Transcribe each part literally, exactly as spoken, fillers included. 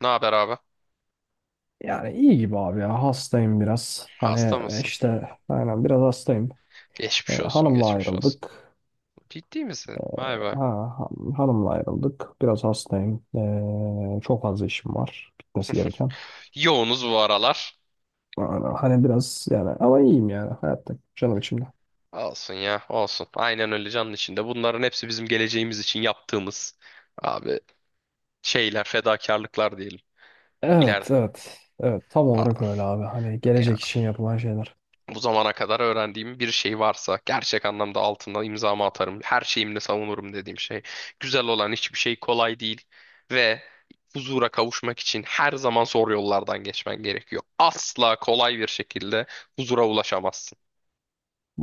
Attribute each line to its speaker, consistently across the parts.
Speaker 1: Ne haber abi?
Speaker 2: Yani iyi gibi abi ya. Hastayım biraz. Hani
Speaker 1: Hasta
Speaker 2: e,
Speaker 1: mısın?
Speaker 2: işte aynen biraz hastayım. E,
Speaker 1: Geçmiş olsun,
Speaker 2: hanımla
Speaker 1: geçmiş olsun.
Speaker 2: ayrıldık.
Speaker 1: Ciddi misin? Vay be.
Speaker 2: Ha, han- hanımla ayrıldık. Biraz hastayım. E, çok fazla işim var. Bitmesi gereken.
Speaker 1: Yoğunuz bu aralar.
Speaker 2: Aynen. Hani biraz yani ama iyiyim yani hayatta. Canım içimde.
Speaker 1: Olsun ya, olsun. Aynen öyle canın içinde. Bunların hepsi bizim geleceğimiz için yaptığımız abi şeyler, fedakarlıklar diyelim. İler.
Speaker 2: Evet evet. Evet tam
Speaker 1: Aa,
Speaker 2: olarak öyle abi. Hani
Speaker 1: ya.
Speaker 2: gelecek için yapılan şeyler.
Speaker 1: Bu zamana kadar öğrendiğim bir şey varsa gerçek anlamda altına imzamı atarım. Her şeyimle savunurum dediğim şey. Güzel olan hiçbir şey kolay değil ve huzura kavuşmak için her zaman zor yollardan geçmen gerekiyor. Asla kolay bir şekilde huzura ulaşamazsın.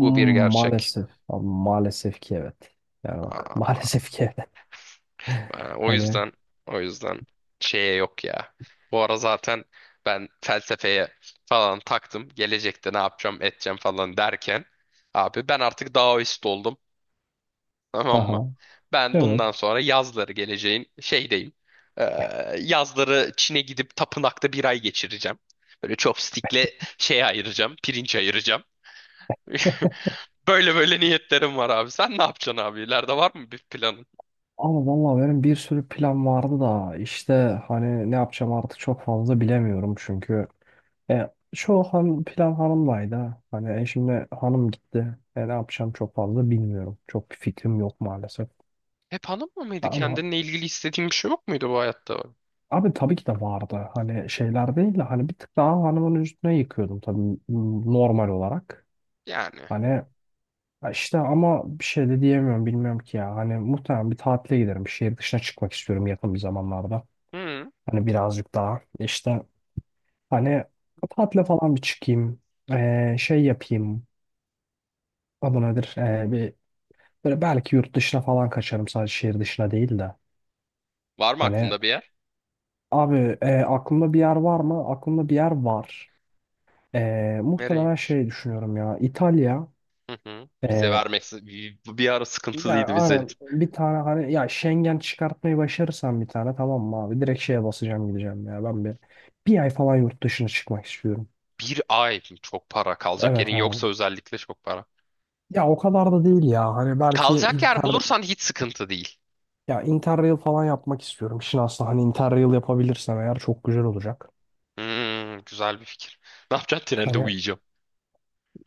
Speaker 1: Bu bir gerçek.
Speaker 2: Maalesef. Abi, maalesef ki evet. Yani bak
Speaker 1: Aa,
Speaker 2: maalesef ki evet.
Speaker 1: e, o
Speaker 2: Hani
Speaker 1: yüzden o yüzden şeye yok ya. Bu ara zaten ben felsefeye falan taktım. Gelecekte ne yapacağım, edeceğim falan derken abi ben artık Daoist oldum. Tamam mı?
Speaker 2: aha
Speaker 1: Ben
Speaker 2: evet.
Speaker 1: bundan sonra yazları geleceğin şeydeyim. Ee, Yazları Çin'e gidip tapınakta bir ay geçireceğim. Böyle chopstick'le şey ayıracağım, pirinç ayıracağım. Böyle böyle niyetlerim var abi. Sen ne yapacaksın abi? İleride var mı bir planın?
Speaker 2: Ama vallahi benim bir sürü plan vardı da işte hani ne yapacağım artık çok fazla bilemiyorum çünkü e, çoğu han, plan hanımlaydı. ha. Hani e, şimdi hanım gitti. E, ne yapacağım çok fazla bilmiyorum. Çok bir fikrim yok maalesef.
Speaker 1: Hep hanım mı mıydı?
Speaker 2: Ama
Speaker 1: Kendinle ilgili istediğin bir şey yok muydu bu hayatta?
Speaker 2: abi tabii ki de vardı. Hani şeyler değil de hani bir tık daha hanımın üstüne yıkıyordum tabii m- normal olarak.
Speaker 1: Yani.
Speaker 2: Hani e, işte ama bir şey de diyemiyorum bilmiyorum ki ya. Hani muhtemelen bir tatile giderim. Şehir dışına çıkmak istiyorum yakın bir zamanlarda.
Speaker 1: Hı.
Speaker 2: Hani birazcık daha işte hani tatile falan bir çıkayım. Ee, şey yapayım. Adı nedir? Ee, bir, böyle belki yurt dışına falan kaçarım, sadece şehir dışına değil de.
Speaker 1: Var mı
Speaker 2: Hani
Speaker 1: aklında bir yer?
Speaker 2: abi e, aklımda bir yer var mı? Aklımda bir yer var. Ee, muhtemelen
Speaker 1: Nereymiş?
Speaker 2: şey düşünüyorum ya. İtalya.
Speaker 1: Hı hı. Vize
Speaker 2: Ee,
Speaker 1: vermesi bir, bir ara
Speaker 2: ya
Speaker 1: sıkıntılıydı vize.
Speaker 2: aynen bir tane hani ya, Schengen çıkartmayı başarırsam bir tane tamam mı abi? Direkt şeye basacağım, gideceğim ya. Ben bir bir ay falan yurt dışına çıkmak istiyorum.
Speaker 1: Bir ay çok para kalacak
Speaker 2: Evet
Speaker 1: yerin
Speaker 2: abi.
Speaker 1: yoksa özellikle çok para.
Speaker 2: Ya o kadar da değil ya. Hani belki
Speaker 1: Kalacak yer
Speaker 2: inter
Speaker 1: bulursan hiç sıkıntı değil.
Speaker 2: ya interrail falan yapmak istiyorum. Şimdi aslında hani interrail yapabilirsem eğer çok güzel olacak.
Speaker 1: Hmm, güzel bir fikir. Ne yapacaksın? Trende
Speaker 2: Hani
Speaker 1: uyuyacağım.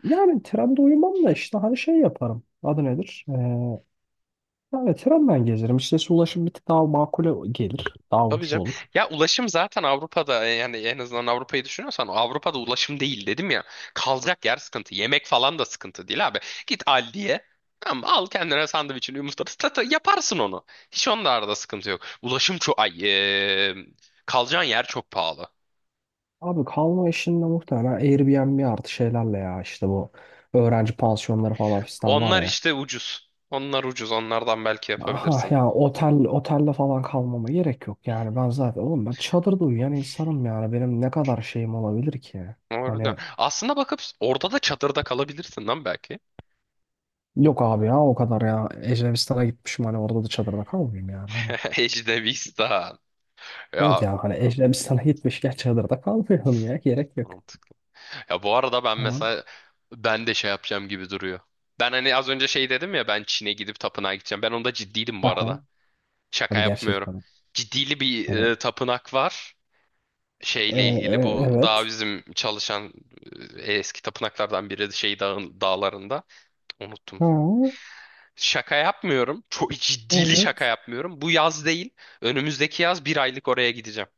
Speaker 2: yani trende uyumam da işte hani şey yaparım. Adı nedir? Ee, yani trenden gezerim. İşte ulaşım bir tık daha makul gelir. Daha
Speaker 1: Tabii
Speaker 2: ucuz
Speaker 1: canım.
Speaker 2: olur.
Speaker 1: Ya ulaşım zaten Avrupa'da e, yani en azından Avrupa'yı düşünüyorsan Avrupa'da ulaşım değil dedim ya. Kalacak yer sıkıntı. Yemek falan da sıkıntı değil abi. Git Aldi'ye. Tamam, al kendine sandviçini yumurtanı tata, yaparsın onu. Hiç onda arada sıkıntı yok. Ulaşım çok ay eee, kalacağın yer çok pahalı.
Speaker 2: Abi kalma işinde muhtemelen Airbnb artı şeylerle ya işte, bu öğrenci pansiyonları falan fistan var
Speaker 1: Onlar
Speaker 2: ya.
Speaker 1: işte ucuz. Onlar ucuz. Onlardan belki
Speaker 2: Aha
Speaker 1: yapabilirsin.
Speaker 2: ya, otel otelde falan kalmama gerek yok yani. Ben zaten oğlum, ben çadırda uyuyan insanım yani, benim ne kadar şeyim olabilir ki
Speaker 1: Orada.
Speaker 2: hani?
Speaker 1: Aslında bakıp orada da çadırda kalabilirsin lan belki.
Speaker 2: Yok abi ya, o kadar ya Ecrebistan'a gitmişim, hani orada da çadırda kalmayayım yani hani.
Speaker 1: Ejdevistan.
Speaker 2: Evet
Speaker 1: Ya
Speaker 2: ya, hani Ecrebistan'a gitmişken çadırda kalmayalım ya, gerek yok
Speaker 1: mantık. Ya bu arada ben
Speaker 2: hani.
Speaker 1: mesela ben de şey yapacağım gibi duruyor. Ben hani az önce şey dedim ya ben Çin'e gidip tapınağa gideceğim. Ben onda ciddiydim bu
Speaker 2: Aha.
Speaker 1: arada. Şaka
Speaker 2: Abi
Speaker 1: yapmıyorum.
Speaker 2: gerçekten
Speaker 1: Ciddili bir
Speaker 2: hani
Speaker 1: e, tapınak var.
Speaker 2: e-
Speaker 1: Şeyle ilgili
Speaker 2: e-
Speaker 1: bu daha
Speaker 2: evet.
Speaker 1: bizim çalışan e, eski tapınaklardan biri şey dağın, dağlarında. Unuttum.
Speaker 2: Ha,
Speaker 1: Şaka yapmıyorum. Çok ciddili şaka
Speaker 2: evet
Speaker 1: yapmıyorum. Bu yaz değil. Önümüzdeki yaz bir aylık oraya gideceğim.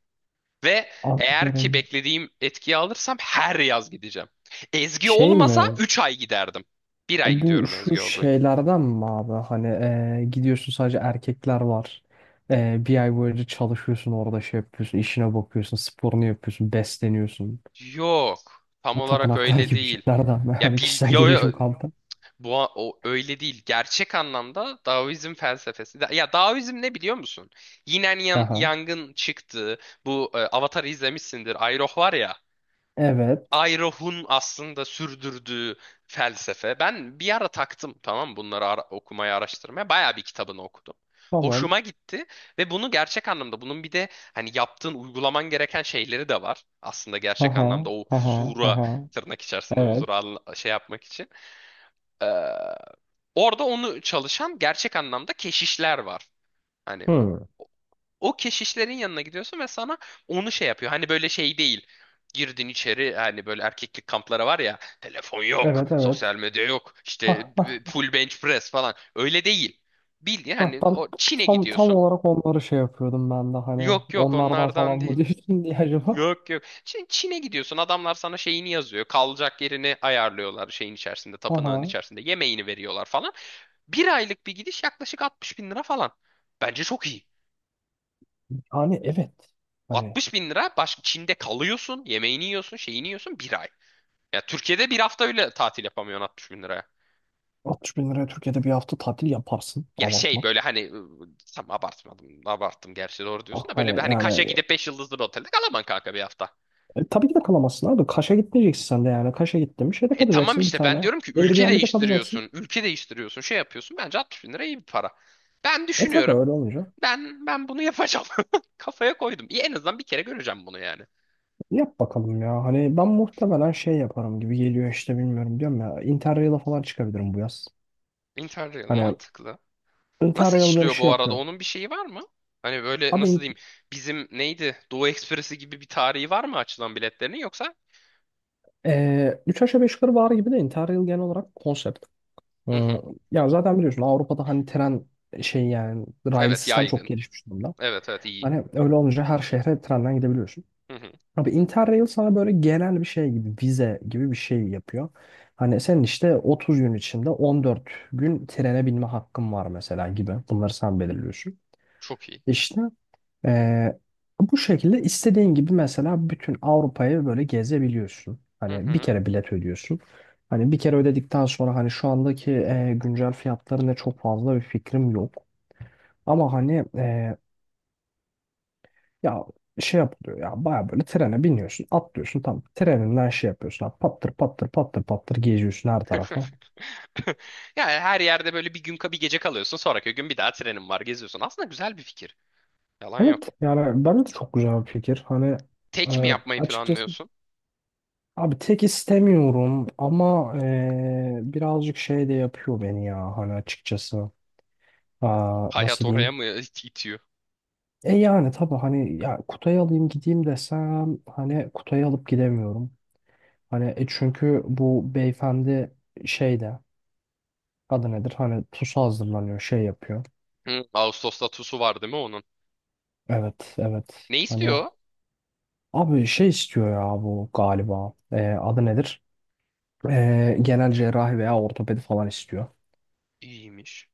Speaker 1: Ve eğer ki
Speaker 2: anlıyorum.
Speaker 1: beklediğim etkiyi alırsam her yaz gideceğim. Ezgi
Speaker 2: Şey
Speaker 1: olmasa
Speaker 2: mi?
Speaker 1: üç ay giderdim. Bir ay
Speaker 2: Bu
Speaker 1: gidiyorum
Speaker 2: şu
Speaker 1: Ezgi olduğu.
Speaker 2: şeylerden mi abi? Hani eee, gidiyorsun, sadece erkekler var. Eee, bir ay boyunca çalışıyorsun orada, şey yapıyorsun. İşine bakıyorsun. Sporunu yapıyorsun. Besleniyorsun.
Speaker 1: Yok. Tam
Speaker 2: Bu
Speaker 1: olarak
Speaker 2: tapınaklar
Speaker 1: öyle
Speaker 2: gibi
Speaker 1: değil.
Speaker 2: şeylerden mi?
Speaker 1: Ya
Speaker 2: Hani
Speaker 1: bil,
Speaker 2: kişisel
Speaker 1: yo, yo,
Speaker 2: gelişim kampı.
Speaker 1: bu o öyle değil. Gerçek anlamda Daoizm felsefesi. Da- ya Daoizm ne biliyor musun? Yine Yang,
Speaker 2: Aha.
Speaker 1: Yang'ın çıktığı bu e, Avatar'ı izlemişsindir. Aeroh var ya.
Speaker 2: Evet.
Speaker 1: Ayrohun aslında sürdürdüğü felsefe. Ben bir ara taktım tamam mı? Bunları ara- okumaya, araştırmaya. Bayağı bir kitabını okudum.
Speaker 2: Tamam.
Speaker 1: Hoşuma gitti ve bunu gerçek anlamda bunun bir de hani yaptığın uygulaman gereken şeyleri de var. Aslında gerçek anlamda
Speaker 2: Aha.
Speaker 1: o
Speaker 2: Aha.
Speaker 1: huzura
Speaker 2: Aha.
Speaker 1: tırnak içerisinde
Speaker 2: Evet.
Speaker 1: huzura anla- şey yapmak için. Ee, Orada onu çalışan gerçek anlamda keşişler var. Hani
Speaker 2: Hmm.
Speaker 1: o keşişlerin yanına gidiyorsun ve sana onu şey yapıyor. Hani böyle şey değil. Girdin içeri hani böyle erkeklik kamplara var ya telefon yok,
Speaker 2: Evet evet.
Speaker 1: sosyal medya yok, işte
Speaker 2: Ah, ah,
Speaker 1: e, full bench press falan. Öyle değil. Bildiğin
Speaker 2: ah.
Speaker 1: hani
Speaker 2: Ben
Speaker 1: o Çin'e
Speaker 2: tam, tam
Speaker 1: gidiyorsun.
Speaker 2: olarak onları şey yapıyordum ben de, hani
Speaker 1: Yok yok
Speaker 2: onlardan falan
Speaker 1: onlardan
Speaker 2: mı
Speaker 1: değil.
Speaker 2: diyorsun diye acaba.
Speaker 1: Yok yok. Çin, Çin'e gidiyorsun adamlar sana şeyini yazıyor. Kalacak yerini ayarlıyorlar şeyin içerisinde, tapınağın
Speaker 2: Aha.
Speaker 1: içerisinde. Yemeğini veriyorlar falan. Bir aylık bir gidiş yaklaşık altmış bin lira falan. Bence çok iyi.
Speaker 2: Yani evet. Hani
Speaker 1: altmış bin lira başka Çin'de kalıyorsun, yemeğini yiyorsun, şeyini yiyorsun bir ay. Ya Türkiye'de bir hafta öyle tatil yapamıyorsun altmış bin liraya.
Speaker 2: altmış bin liraya Türkiye'de bir hafta tatil yaparsın.
Speaker 1: Ya şey
Speaker 2: Abartma.
Speaker 1: böyle hani ıı, tam abartmadım, abarttım gerçi doğru
Speaker 2: Ah,
Speaker 1: diyorsun da böyle bir
Speaker 2: hani
Speaker 1: hani Kaş'a
Speaker 2: yani
Speaker 1: gidip beş yıldızlı bir otelde kalamam kanka bir hafta.
Speaker 2: e, tabii ki de kalamazsın abi. Kaş'a gitmeyeceksin sen de yani. Kaş'a gittin, bir şeyde
Speaker 1: E tamam
Speaker 2: kalacaksın bir
Speaker 1: işte ben
Speaker 2: tane.
Speaker 1: diyorum ki ülke
Speaker 2: Airbnb'de kalacaksın.
Speaker 1: değiştiriyorsun, ülke değiştiriyorsun, şey yapıyorsun. Bence altmış bin lira iyi bir para. Ben
Speaker 2: E tabii
Speaker 1: düşünüyorum.
Speaker 2: öyle olunca.
Speaker 1: Ben ben bunu yapacağım. Kafaya koydum. İyi, en azından bir kere göreceğim bunu yani.
Speaker 2: Yap bakalım ya.
Speaker 1: O-
Speaker 2: Hani ben muhtemelen şey yaparım gibi geliyor işte, bilmiyorum diyorum ya. Interrail'a falan çıkabilirim bu yaz.
Speaker 1: Interrail
Speaker 2: Hani
Speaker 1: mantıklı. Nasıl
Speaker 2: Interrail beni
Speaker 1: işliyor
Speaker 2: şey
Speaker 1: bu arada?
Speaker 2: yapıyor.
Speaker 1: Onun bir şeyi var mı? Hani böyle
Speaker 2: Abi
Speaker 1: nasıl
Speaker 2: in,
Speaker 1: diyeyim? Bizim neydi? Doğu Ekspresi gibi bir tarihi var mı açılan biletlerinin yoksa?
Speaker 2: e, üç aşağı beş yukarı var gibi de Interrail genel olarak konsept.
Speaker 1: Hı
Speaker 2: Hmm,
Speaker 1: hı.
Speaker 2: ya zaten biliyorsun, Avrupa'da hani tren şey yani, rail
Speaker 1: Evet
Speaker 2: sistem çok
Speaker 1: yaygın.
Speaker 2: gelişmiş durumda.
Speaker 1: Evet evet iyi.
Speaker 2: Hani öyle olunca her şehre trenden gidebiliyorsun.
Speaker 1: Hı hı.
Speaker 2: Abi Interrail sana böyle genel bir şey gibi, vize gibi bir şey yapıyor. Hani senin işte otuz gün içinde on dört gün trene binme hakkın var mesela gibi. Bunları sen belirliyorsun.
Speaker 1: Çok iyi.
Speaker 2: İşte eee, bu şekilde istediğin gibi mesela bütün Avrupa'yı böyle gezebiliyorsun.
Speaker 1: Hı
Speaker 2: Hani bir
Speaker 1: hı.
Speaker 2: kere bilet ödüyorsun. Hani bir kere ödedikten sonra, hani şu andaki eee, güncel fiyatlarına çok fazla bir fikrim yok. Ama hani eee, ya şey yapılıyor ya, baya böyle trene biniyorsun, atlıyorsun tam treninden, şey yapıyorsun abi, pattır pattır pattır pattır geziyorsun her tarafa.
Speaker 1: Yani her yerde böyle bir gün bir gece kalıyorsun. Sonraki gün bir daha trenin var geziyorsun. Aslında güzel bir fikir. Yalan
Speaker 2: Evet
Speaker 1: yok.
Speaker 2: yani bence de çok güzel bir fikir hani. e,
Speaker 1: Tek mi yapmayı
Speaker 2: Açıkçası
Speaker 1: planlıyorsun?
Speaker 2: abi, tek istemiyorum ama e, birazcık şey de yapıyor beni ya, hani açıkçası. Aa,
Speaker 1: Hayat
Speaker 2: nasıl
Speaker 1: oraya
Speaker 2: diyeyim?
Speaker 1: mı it- itiyor?
Speaker 2: E yani tabii hani, ya Kutay'ı alayım gideyim desem hani Kutay'ı alıp gidemiyorum. Hani e çünkü bu beyefendi şeyde. Adı nedir? Hani pusu hazırlanıyor, şey yapıyor.
Speaker 1: Hı. Ağustos'ta TUS'u var değil mi onun?
Speaker 2: Evet, evet.
Speaker 1: Ne
Speaker 2: Hani
Speaker 1: istiyor?
Speaker 2: abi şey istiyor ya bu galiba. Ee, adı nedir? Ee, genel cerrahi veya ortopedi falan istiyor.
Speaker 1: İyiymiş.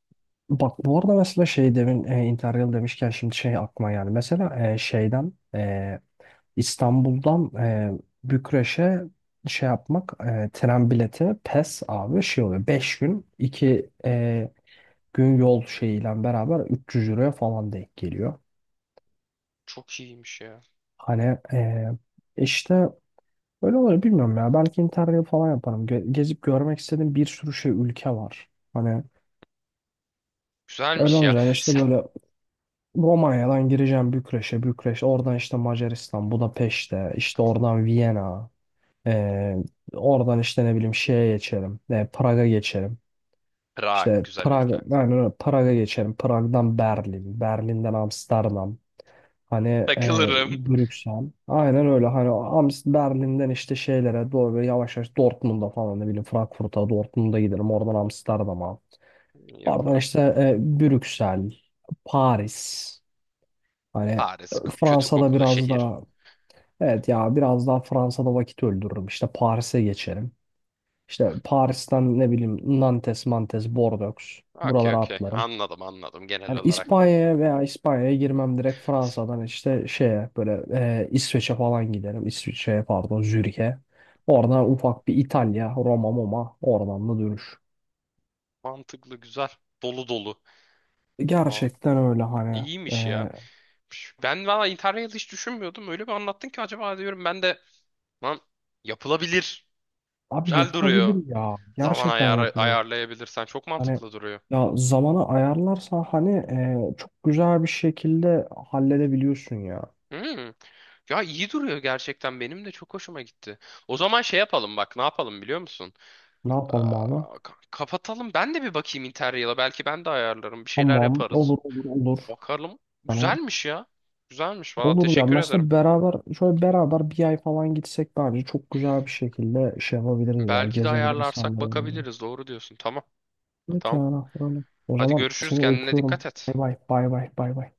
Speaker 2: Bak bu arada, mesela şey demin e, Interrail demişken şimdi şey aklıma geldi. Mesela e, şeyden e, İstanbul'dan e, Bükreş'e şey yapmak, e, tren bileti pes abi, şey oluyor. Beş gün iki e, gün yol şeyiyle beraber üç yüz euroya falan denk geliyor.
Speaker 1: Çok iyiymiş ya.
Speaker 2: Hani eee, e, işte öyle olur, bilmiyorum ya. Belki interrail falan yaparım. Ge- gezip görmek istediğim bir sürü şey ülke var. Hani öyle
Speaker 1: Güzelmiş ya.
Speaker 2: olunca hani işte böyle, Romanya'dan gireceğim Bükreş'e, Bükreş, oradan işte Macaristan, Budapeşte, işte oradan Viyana, eee, oradan işte ne bileyim şeye geçerim, e, Prag'a geçerim.
Speaker 1: Prag
Speaker 2: İşte
Speaker 1: güzel
Speaker 2: Prag,
Speaker 1: ülke.
Speaker 2: yani Prag'a geçerim. Prag'dan Berlin, Berlin'den Amsterdam. Hani e,
Speaker 1: Takılırım.
Speaker 2: Brüksel. Aynen öyle. Hani Amst Berlin'den işte şeylere doğru böyle yavaş yavaş, Dortmund'a falan, ne bileyim Frankfurt'a, Dortmund'a giderim. Oradan Amsterdam'a. Oradan
Speaker 1: Yapar.
Speaker 2: işte e, Brüksel, Paris. Hani e,
Speaker 1: Paris k- kötü
Speaker 2: Fransa'da
Speaker 1: kokulu
Speaker 2: biraz
Speaker 1: şehir.
Speaker 2: daha, evet ya, biraz daha Fransa'da vakit öldürürüm. İşte Paris'e geçerim. İşte Paris'ten, ne bileyim, Nantes, Mantes, Bordeaux.
Speaker 1: Okey
Speaker 2: Buralara
Speaker 1: okey.
Speaker 2: atlarım.
Speaker 1: Anladım anladım genel
Speaker 2: Hani
Speaker 1: olarak.
Speaker 2: İspanya'ya, veya İspanya'ya girmem direkt, Fransa'dan işte şeye böyle e, İsveç'e falan giderim. İsviçre'ye pardon, Zürih'e. Oradan ufak bir İtalya, Roma, Moma, oradan da dönüş.
Speaker 1: Mantıklı güzel. Dolu dolu. Aa,
Speaker 2: Gerçekten öyle hani.
Speaker 1: iyiymiş ya.
Speaker 2: e,
Speaker 1: Ben valla Interrail hiç düşünmüyordum. Öyle bir anlattın ki acaba diyorum ben de lan yapılabilir.
Speaker 2: abi
Speaker 1: Güzel duruyor.
Speaker 2: yapılabilir ya.
Speaker 1: Zaman
Speaker 2: Gerçekten
Speaker 1: ayarı
Speaker 2: yapılabilir.
Speaker 1: ayarlayabilirsen çok
Speaker 2: Hani
Speaker 1: mantıklı duruyor.
Speaker 2: ya zamanı ayarlarsan hani e, çok güzel bir şekilde halledebiliyorsun ya.
Speaker 1: Hmm. Ya iyi duruyor gerçekten. Benim de çok hoşuma gitti. O zaman şey yapalım bak ne yapalım biliyor musun?
Speaker 2: Ne yapalım abi?
Speaker 1: Aa, ka- kapatalım. Ben de bir bakayım Interrail'a. Belki ben de ayarlarım. Bir şeyler
Speaker 2: Tamam,
Speaker 1: yaparız.
Speaker 2: olur olur olur.
Speaker 1: Bakalım.
Speaker 2: Hani
Speaker 1: Güzelmiş ya. Güzelmiş. Valla
Speaker 2: olur ya,
Speaker 1: teşekkür ederim.
Speaker 2: mesela beraber şöyle beraber bir ay falan gitsek, bence çok güzel bir şekilde şey yapabiliriz ya,
Speaker 1: Belki de
Speaker 2: gezebiliriz
Speaker 1: ayarlarsak
Speaker 2: sanırım.
Speaker 1: bakabiliriz. Doğru diyorsun. Tamam.
Speaker 2: Evet
Speaker 1: Tamam.
Speaker 2: yani öyle. O
Speaker 1: Hadi
Speaker 2: zaman
Speaker 1: görüşürüz.
Speaker 2: seni
Speaker 1: Kendine
Speaker 2: öpüyorum.
Speaker 1: dikkat
Speaker 2: Bay
Speaker 1: et.
Speaker 2: bay bay bay bay bay.